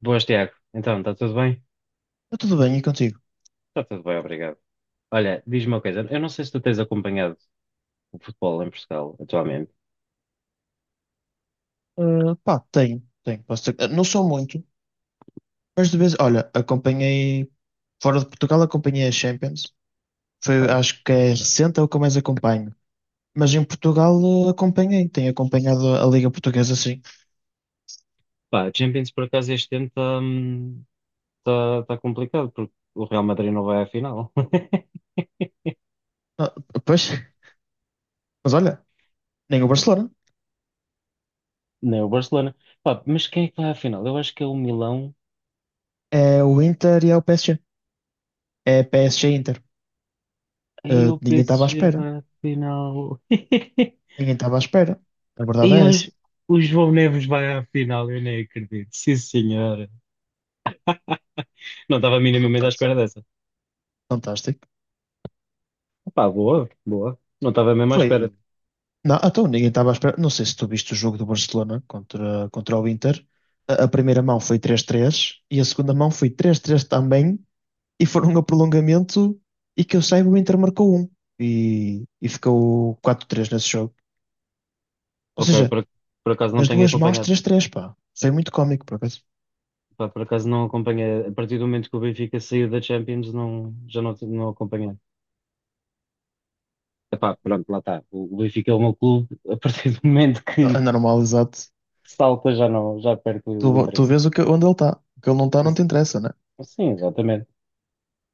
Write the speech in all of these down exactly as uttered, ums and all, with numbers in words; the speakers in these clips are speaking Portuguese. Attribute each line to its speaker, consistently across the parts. Speaker 1: Boas, Tiago. Então, está tudo bem?
Speaker 2: Está tudo bem, e contigo?
Speaker 1: Está tudo bem, obrigado. Olha, diz-me uma coisa. Eu não sei se tu tens acompanhado o futebol em Portugal atualmente.
Speaker 2: Ah, pá, tenho, tenho. Posso dizer- ah, não sou muito, mas de vez, olha, acompanhei, fora de Portugal, acompanhei a Champions. Foi,
Speaker 1: Ok.
Speaker 2: acho que é recente, é o que eu mais acompanho. Mas em Portugal, ah, acompanhei, tenho acompanhado a Liga Portuguesa, sim.
Speaker 1: Pá, Champions, por acaso, este ano está hum, tá, tá complicado, porque o Real Madrid não vai à final.
Speaker 2: Ah, pois, mas olha, nem o Barcelona,
Speaker 1: Nem o Barcelona. Pá, mas quem é que vai à final? Eu acho que é o Milão.
Speaker 2: é o Inter e é o P S G. É P S G-Inter.
Speaker 1: Aí o
Speaker 2: Ninguém estava à
Speaker 1: P S G
Speaker 2: espera,
Speaker 1: vai à final.
Speaker 2: ninguém estava à espera. A verdade
Speaker 1: E
Speaker 2: é essa.
Speaker 1: hoje o João Neves vai à final. Eu nem acredito. Sim, senhora. Não estava minimamente à espera
Speaker 2: Fantástico.
Speaker 1: dessa.
Speaker 2: Fantástico.
Speaker 1: Pá, boa, boa. Não estava mesmo à espera.
Speaker 2: Foi. Não, então ninguém estava à espera. Não sei se tu viste o jogo do Barcelona contra, contra o Inter. A, a primeira mão foi três três e a segunda mão foi três três também. E foram a prolongamento e que eu saiba o Inter marcou um. E, e ficou quatro três nesse jogo. Ou
Speaker 1: Ok,
Speaker 2: seja,
Speaker 1: por, por acaso não
Speaker 2: nas
Speaker 1: tenho
Speaker 2: duas mãos
Speaker 1: acompanhado.
Speaker 2: três três, pá. Foi muito cómico, por acaso.
Speaker 1: Pá, por acaso não acompanhei. A partir do momento que o Benfica saiu da Champions, não, já não, não acompanhei. Epá, pronto, lá está. O, o Benfica é o meu clube. A partir do momento que
Speaker 2: Anormal, exato.
Speaker 1: salta, já não, já perco o
Speaker 2: Tu, tu
Speaker 1: interesse.
Speaker 2: vês o que, onde ele está. O que ele não está não
Speaker 1: Mas,
Speaker 2: te interessa, né?
Speaker 1: sim, exatamente.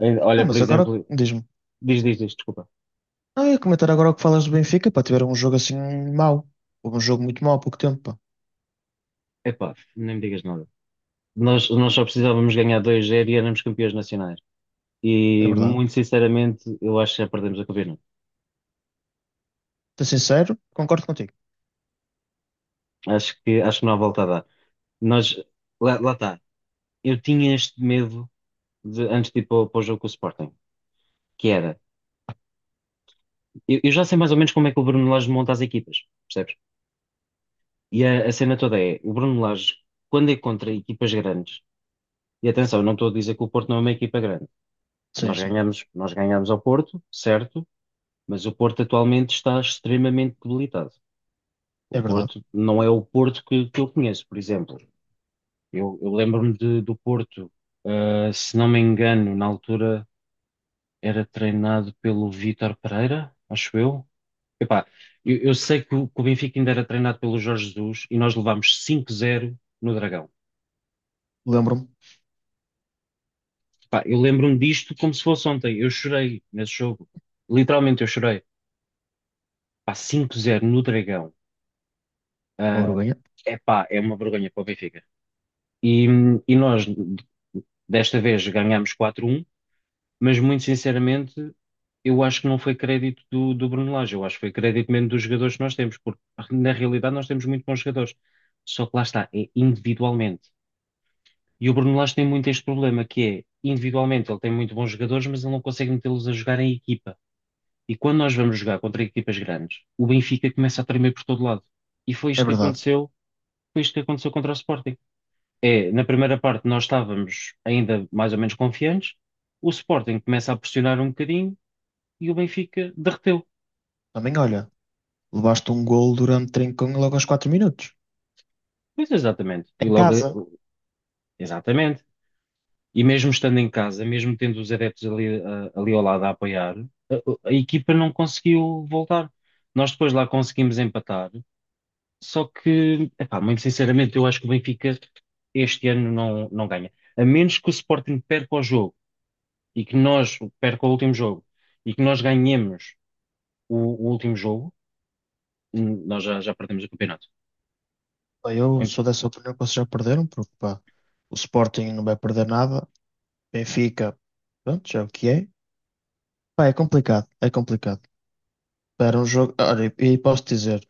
Speaker 1: Eh,
Speaker 2: Ah,
Speaker 1: Olha, por
Speaker 2: mas agora
Speaker 1: exemplo,
Speaker 2: diz-me.
Speaker 1: diz, diz, diz, desculpa.
Speaker 2: Ah, eu ia comentar agora o que falas do Benfica, para tiver um jogo assim mau. Houve um jogo muito mau há pouco tempo, pá.
Speaker 1: Epá, nem me digas nada. Nós, nós só precisávamos ganhar dois zero e éramos campeões nacionais.
Speaker 2: É
Speaker 1: E,
Speaker 2: verdade.
Speaker 1: muito sinceramente, eu acho que já perdemos a campeonato.
Speaker 2: Ser sincero, concordo contigo.
Speaker 1: Acho que, acho que não há volta a dar. Nós, lá, lá está. Eu tinha este medo de, antes de ir para, o para o jogo com o Sporting, que era, eu, eu já sei mais ou menos como é que o Bruno Lage monta as equipas, percebes? E a, a cena toda é, o Bruno Lage, quando é contra equipas grandes, e atenção, eu não estou a dizer que o Porto não é uma equipa grande,
Speaker 2: Sim,
Speaker 1: nós
Speaker 2: sim.
Speaker 1: ganhamos, nós ganhamos ao Porto, certo, mas o Porto atualmente está extremamente debilitado.
Speaker 2: É
Speaker 1: O
Speaker 2: verdade.
Speaker 1: Porto não é o Porto que, que eu conheço, por exemplo. Eu, eu lembro-me de- do Porto, ah, se não me engano, na altura era treinado pelo Vítor Pereira, acho eu. Epá, eu, eu sei que o, que o Benfica ainda era treinado pelo Jorge Jesus e nós levámos cinco a zero no Dragão.
Speaker 2: Lembro-me.
Speaker 1: Epá, eu lembro-me disto como se fosse ontem. Eu chorei nesse jogo. Literalmente eu chorei. Epá, cinco zero no Dragão.
Speaker 2: Uma
Speaker 1: Ah,
Speaker 2: vergonha.
Speaker 1: epá, é uma vergonha para o Benfica. E, e nós, desta vez, ganhámos quatro a um, mas muito sinceramente, eu acho que não foi crédito do, do Bruno Lage, eu acho que foi crédito mesmo dos jogadores que nós temos, porque na realidade nós temos muito bons jogadores, só que lá está, é individualmente. E o Bruno Lage tem muito este problema, que é, individualmente ele tem muito bons jogadores, mas ele não consegue metê-los a jogar em equipa. E quando nós vamos jogar contra equipas grandes, o Benfica começa a tremer por todo lado. E foi
Speaker 2: É
Speaker 1: isto que
Speaker 2: verdade.
Speaker 1: aconteceu, foi isto que aconteceu contra o Sporting. É, na primeira parte nós estávamos ainda mais ou menos confiantes, o Sporting começa a pressionar um bocadinho, e o Benfica derreteu.
Speaker 2: Também, olha, levaste um gol durante trincão logo aos quatro minutos.
Speaker 1: Pois, exatamente. E
Speaker 2: Em
Speaker 1: logo,
Speaker 2: casa.
Speaker 1: exatamente. E mesmo estando em casa, mesmo tendo os adeptos ali, ah, ali ao lado a apoiar, a, a equipa não conseguiu voltar. Nós depois lá conseguimos empatar, só que, epá, muito sinceramente, eu acho que o Benfica este ano não, não ganha. A menos que o Sporting perca o jogo e que nós perca o último jogo e que nós ganhemos o, o último jogo. hum, nós já, já perdemos o campeonato.
Speaker 2: Bem, Eu sou dessa opinião que vocês já perderam, porque, pá, o Sporting não vai perder nada. Benfica, pronto, já é o que é. Pá, é complicado, é complicado. Era um jogo, olha, e posso dizer,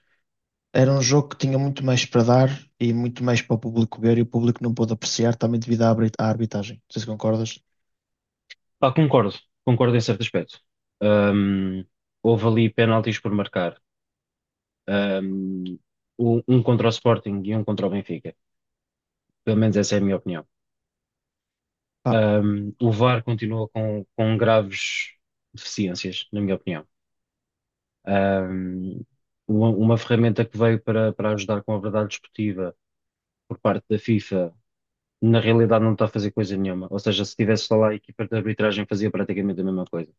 Speaker 2: era um jogo que tinha muito mais para dar e muito mais para o público ver e o público não pôde apreciar também devido à arbit- à arbitragem. Não sei se concordas.
Speaker 1: Pá, concordo, concordo em certo aspecto. Hum, houve ali penaltis por marcar. Hum, um um contra o Sporting e um contra o Benfica. Pelo menos essa é a minha opinião.
Speaker 2: Pá,
Speaker 1: Hum, o VAR continua com, com graves deficiências, na minha opinião. Hum, uma, uma ferramenta que veio para, para ajudar com a verdade desportiva por parte da FIFA, na realidade não está a fazer coisa nenhuma. Ou seja, se tivesse lá a equipa de arbitragem fazia praticamente a mesma coisa.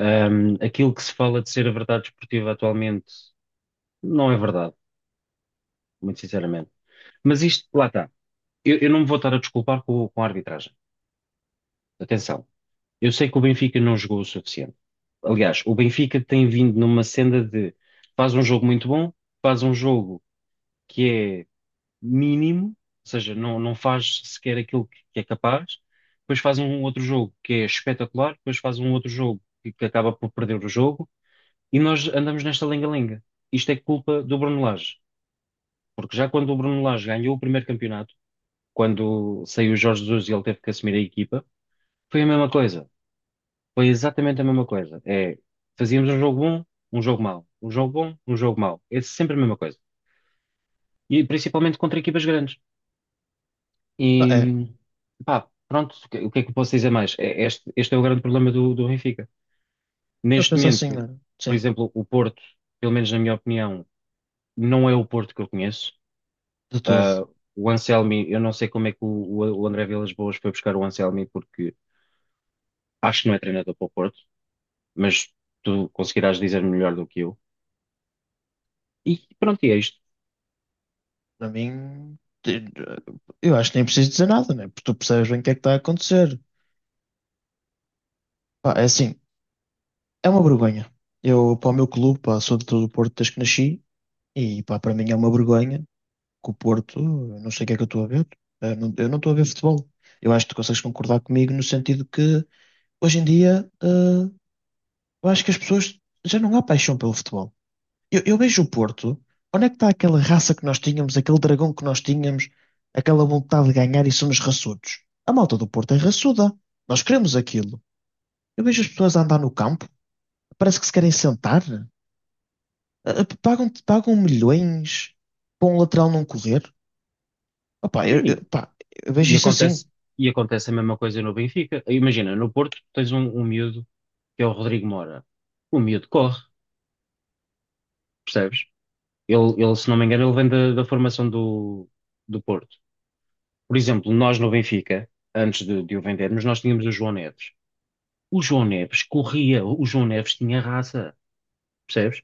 Speaker 1: Um, aquilo que se fala de ser a verdade desportiva atualmente não é verdade, muito sinceramente. Mas isto, lá está. Eu, eu não me vou estar a desculpar com, com a arbitragem. Atenção. Eu sei que o Benfica não jogou o suficiente. Aliás, o Benfica tem vindo numa senda de faz um jogo muito bom, faz um jogo que é mínimo, ou seja, não, não faz sequer aquilo que, que é capaz, depois faz um outro jogo que é espetacular, depois faz um outro jogo que, que acaba por perder o jogo, e nós andamos nesta lenga-lenga. Isto é culpa do Bruno Lage, porque já quando o Bruno Lage ganhou o primeiro campeonato, quando saiu o Jorge Jesus e ele teve que assumir a equipa, foi a mesma coisa. Foi exatamente a mesma coisa. É, fazíamos um jogo bom, um jogo mau. Um jogo bom, um jogo mau. É sempre a mesma coisa. E principalmente contra equipas grandes.
Speaker 2: é.
Speaker 1: E pá, pronto, o que o que é que eu posso dizer mais? É, este, este é o grande problema do, do Benfica.
Speaker 2: Eu
Speaker 1: Neste
Speaker 2: penso assim,
Speaker 1: momento,
Speaker 2: olha,
Speaker 1: por
Speaker 2: sim.
Speaker 1: exemplo, o Porto, pelo menos na minha opinião, não é o Porto que eu conheço.
Speaker 2: De todo.
Speaker 1: Ah, o Anselmi, eu não sei como é que o, o, o André Vilas Boas foi buscar o Anselmi, porque acho que não é treinador para o Porto. Mas tu conseguirás dizer melhor do que eu. E pronto, e é isto.
Speaker 2: Para mim, te- eu acho que nem preciso dizer nada, né? Porque tu percebes bem o que é que está a acontecer. Pá, é assim, é uma vergonha. Eu, para o meu clube, pá, sou de todo o Porto desde que nasci e, pá, para mim é uma vergonha que o Porto, eu não sei o que é que eu estou a ver. Eu não, eu não estou a ver futebol. Eu acho que tu consegues concordar comigo no sentido que, hoje em dia, eh, eu acho que as pessoas já não há paixão pelo futebol. Eu, eu vejo o Porto. Onde é que está aquela raça que nós tínhamos, aquele dragão que nós tínhamos, aquela vontade de ganhar e somos raçudos? A malta do Porto é raçuda. Nós queremos aquilo. Eu vejo as pessoas a andar no campo, parece que se querem sentar. Ah, ah, Pagam, pagam milhões para um lateral não correr. Opa, eu,
Speaker 1: Sim,
Speaker 2: eu- pá, eu vejo
Speaker 1: e
Speaker 2: isso assim,
Speaker 1: acontece, e acontece a mesma coisa no Benfica. Imagina, no Porto tens um, um miúdo que é o Rodrigo Mora. O miúdo corre, percebes? Ele, ele, se não me engano, ele vem da, da formação do, do Porto. Por exemplo, nós no Benfica, antes de, de o vendermos, nós tínhamos o João Neves. O João Neves corria, o João Neves tinha raça, percebes?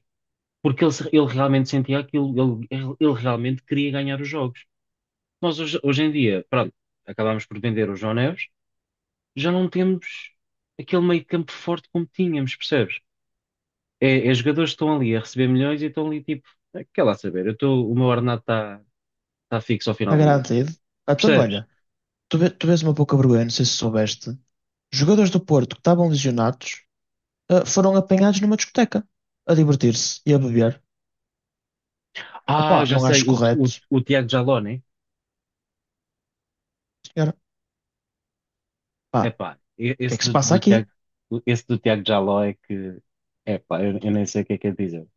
Speaker 1: Porque ele, se- ele realmente sentia aquilo, ele, ele ele realmente queria ganhar os jogos. Nós hoje, hoje em dia, pronto, acabámos por vender o João Neves, já não temos aquele meio campo forte como tínhamos, percebes? É, é jogadores que estão ali a receber milhões e estão ali tipo, "Ah, quer lá saber, eu estou o meu ordenado está tá fixo ao final
Speaker 2: está
Speaker 1: do mês",
Speaker 2: garantido. Ah, então,
Speaker 1: percebes?
Speaker 2: olha, tu, ve- tu vês uma pouca vergonha, não sei se soubeste. Jogadores do Porto que estavam lesionados, ah, foram apanhados numa discoteca a divertir-se e a beber.
Speaker 1: Ah,
Speaker 2: Opa,
Speaker 1: já
Speaker 2: não
Speaker 1: sei,
Speaker 2: acho
Speaker 1: o, o,
Speaker 2: correto,
Speaker 1: o Tiago Jaló, né?
Speaker 2: senhora. Pá, o
Speaker 1: Epá, e-
Speaker 2: que é
Speaker 1: esse
Speaker 2: que se
Speaker 1: do,
Speaker 2: passa
Speaker 1: do Tiago,
Speaker 2: aqui?
Speaker 1: esse do Tiago Jaló é que, epá, eu, eu nem sei o que é que é dizer.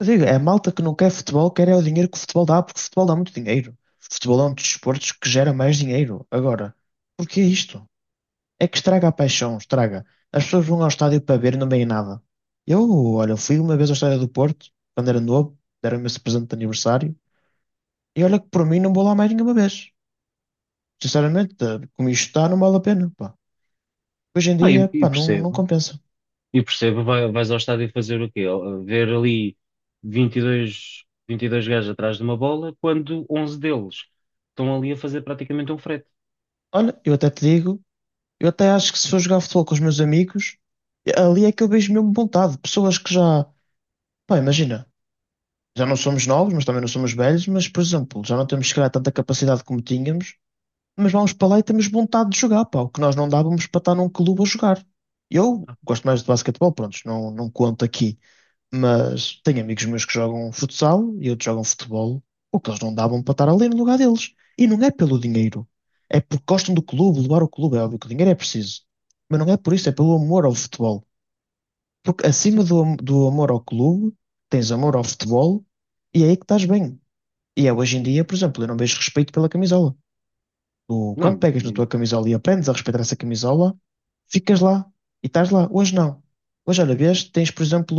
Speaker 2: Eu digo, é a malta que não quer futebol, quer é o dinheiro que o futebol dá, porque o futebol dá muito dinheiro. O futebol é um dos desportos que gera mais dinheiro. Agora, porquê isto? É que estraga a paixão, estraga. As pessoas vão ao estádio para ver e não veem nada. Eu, olha, fui uma vez ao estádio do Porto, quando era novo, deram-me esse presente de aniversário, e olha que por mim não vou lá mais nenhuma vez. Sinceramente, eh, como isto está, não vale a pena, pá. Hoje em
Speaker 1: Ah, e,
Speaker 2: dia,
Speaker 1: e
Speaker 2: pá, não, não
Speaker 1: percebo.
Speaker 2: compensa.
Speaker 1: E percebo, vai- vais ao estádio fazer o quê? Ver ali vinte e dois vinte e dois gajos atrás de uma bola, quando onze deles estão ali a fazer praticamente um frete.
Speaker 2: Olha, eu até te digo. Eu até acho que se for jogar futebol com os meus amigos, ali é que eu vejo mesmo vontade. Pessoas que já, pá, imagina, já não somos novos, mas também não somos velhos, mas, por exemplo, já não temos, se calhar, tanta capacidade como tínhamos, mas vamos para lá e temos vontade de jogar, pá, o que nós não dávamos para estar num clube a jogar. Eu
Speaker 1: Ah,
Speaker 2: gosto mais de basquetebol, pronto, não, não conto aqui, mas tenho amigos meus que jogam futsal e outros jogam futebol, o que eles não davam para estar ali no lugar deles. E não é pelo dinheiro, é porque gostam do clube, levar o clube. É óbvio que o dinheiro é preciso, mas não é por isso, é pelo amor ao futebol. Porque
Speaker 1: sim.
Speaker 2: acima do, am- do amor ao clube, tens amor ao futebol e é aí que estás bem. E é hoje em dia, por exemplo, eu não vejo respeito pela camisola. Tu, quando
Speaker 1: Não,
Speaker 2: pegas na tua
Speaker 1: menino.
Speaker 2: camisola e aprendes a respeitar essa camisola, ficas lá e estás lá. Hoje não. Hoje, olha, vês, tens, por exemplo,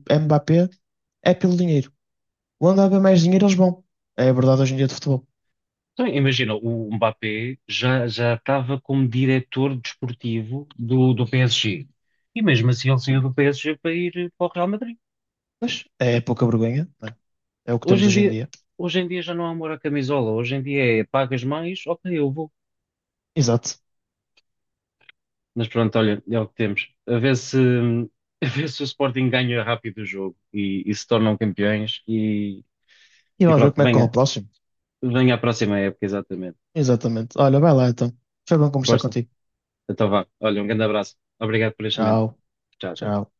Speaker 2: o Mbappé, é pelo dinheiro. Onde há bem mais dinheiro, eles vão. É a verdade hoje em dia de futebol.
Speaker 1: Então, imagina, o Mbappé já, já estava como diretor desportivo do, do P S G. E mesmo assim ele saiu do P S G para ir para o Real Madrid.
Speaker 2: Mas é pouca vergonha, não é? É o que
Speaker 1: Hoje
Speaker 2: temos
Speaker 1: em
Speaker 2: hoje em
Speaker 1: dia,
Speaker 2: dia.
Speaker 1: hoje em dia já não há amor à camisola. Hoje em dia é pagas mais, ok, eu vou.
Speaker 2: Exato.
Speaker 1: Mas pronto, olha, é o que temos. A ver se, a ver se o Sporting ganha rápido o jogo e, e se tornam campeões e,
Speaker 2: E
Speaker 1: e
Speaker 2: vamos ver
Speaker 1: pronto,
Speaker 2: como é que corre o
Speaker 1: venha,
Speaker 2: próximo.
Speaker 1: venha à próxima época, exatamente.
Speaker 2: Exatamente. Olha, vai lá então. Foi bom conversar
Speaker 1: Força,
Speaker 2: contigo.
Speaker 1: então vá. Olha, um grande abraço. Obrigado por este momento.
Speaker 2: Tchau,
Speaker 1: Tchau, tchau.
Speaker 2: tchau.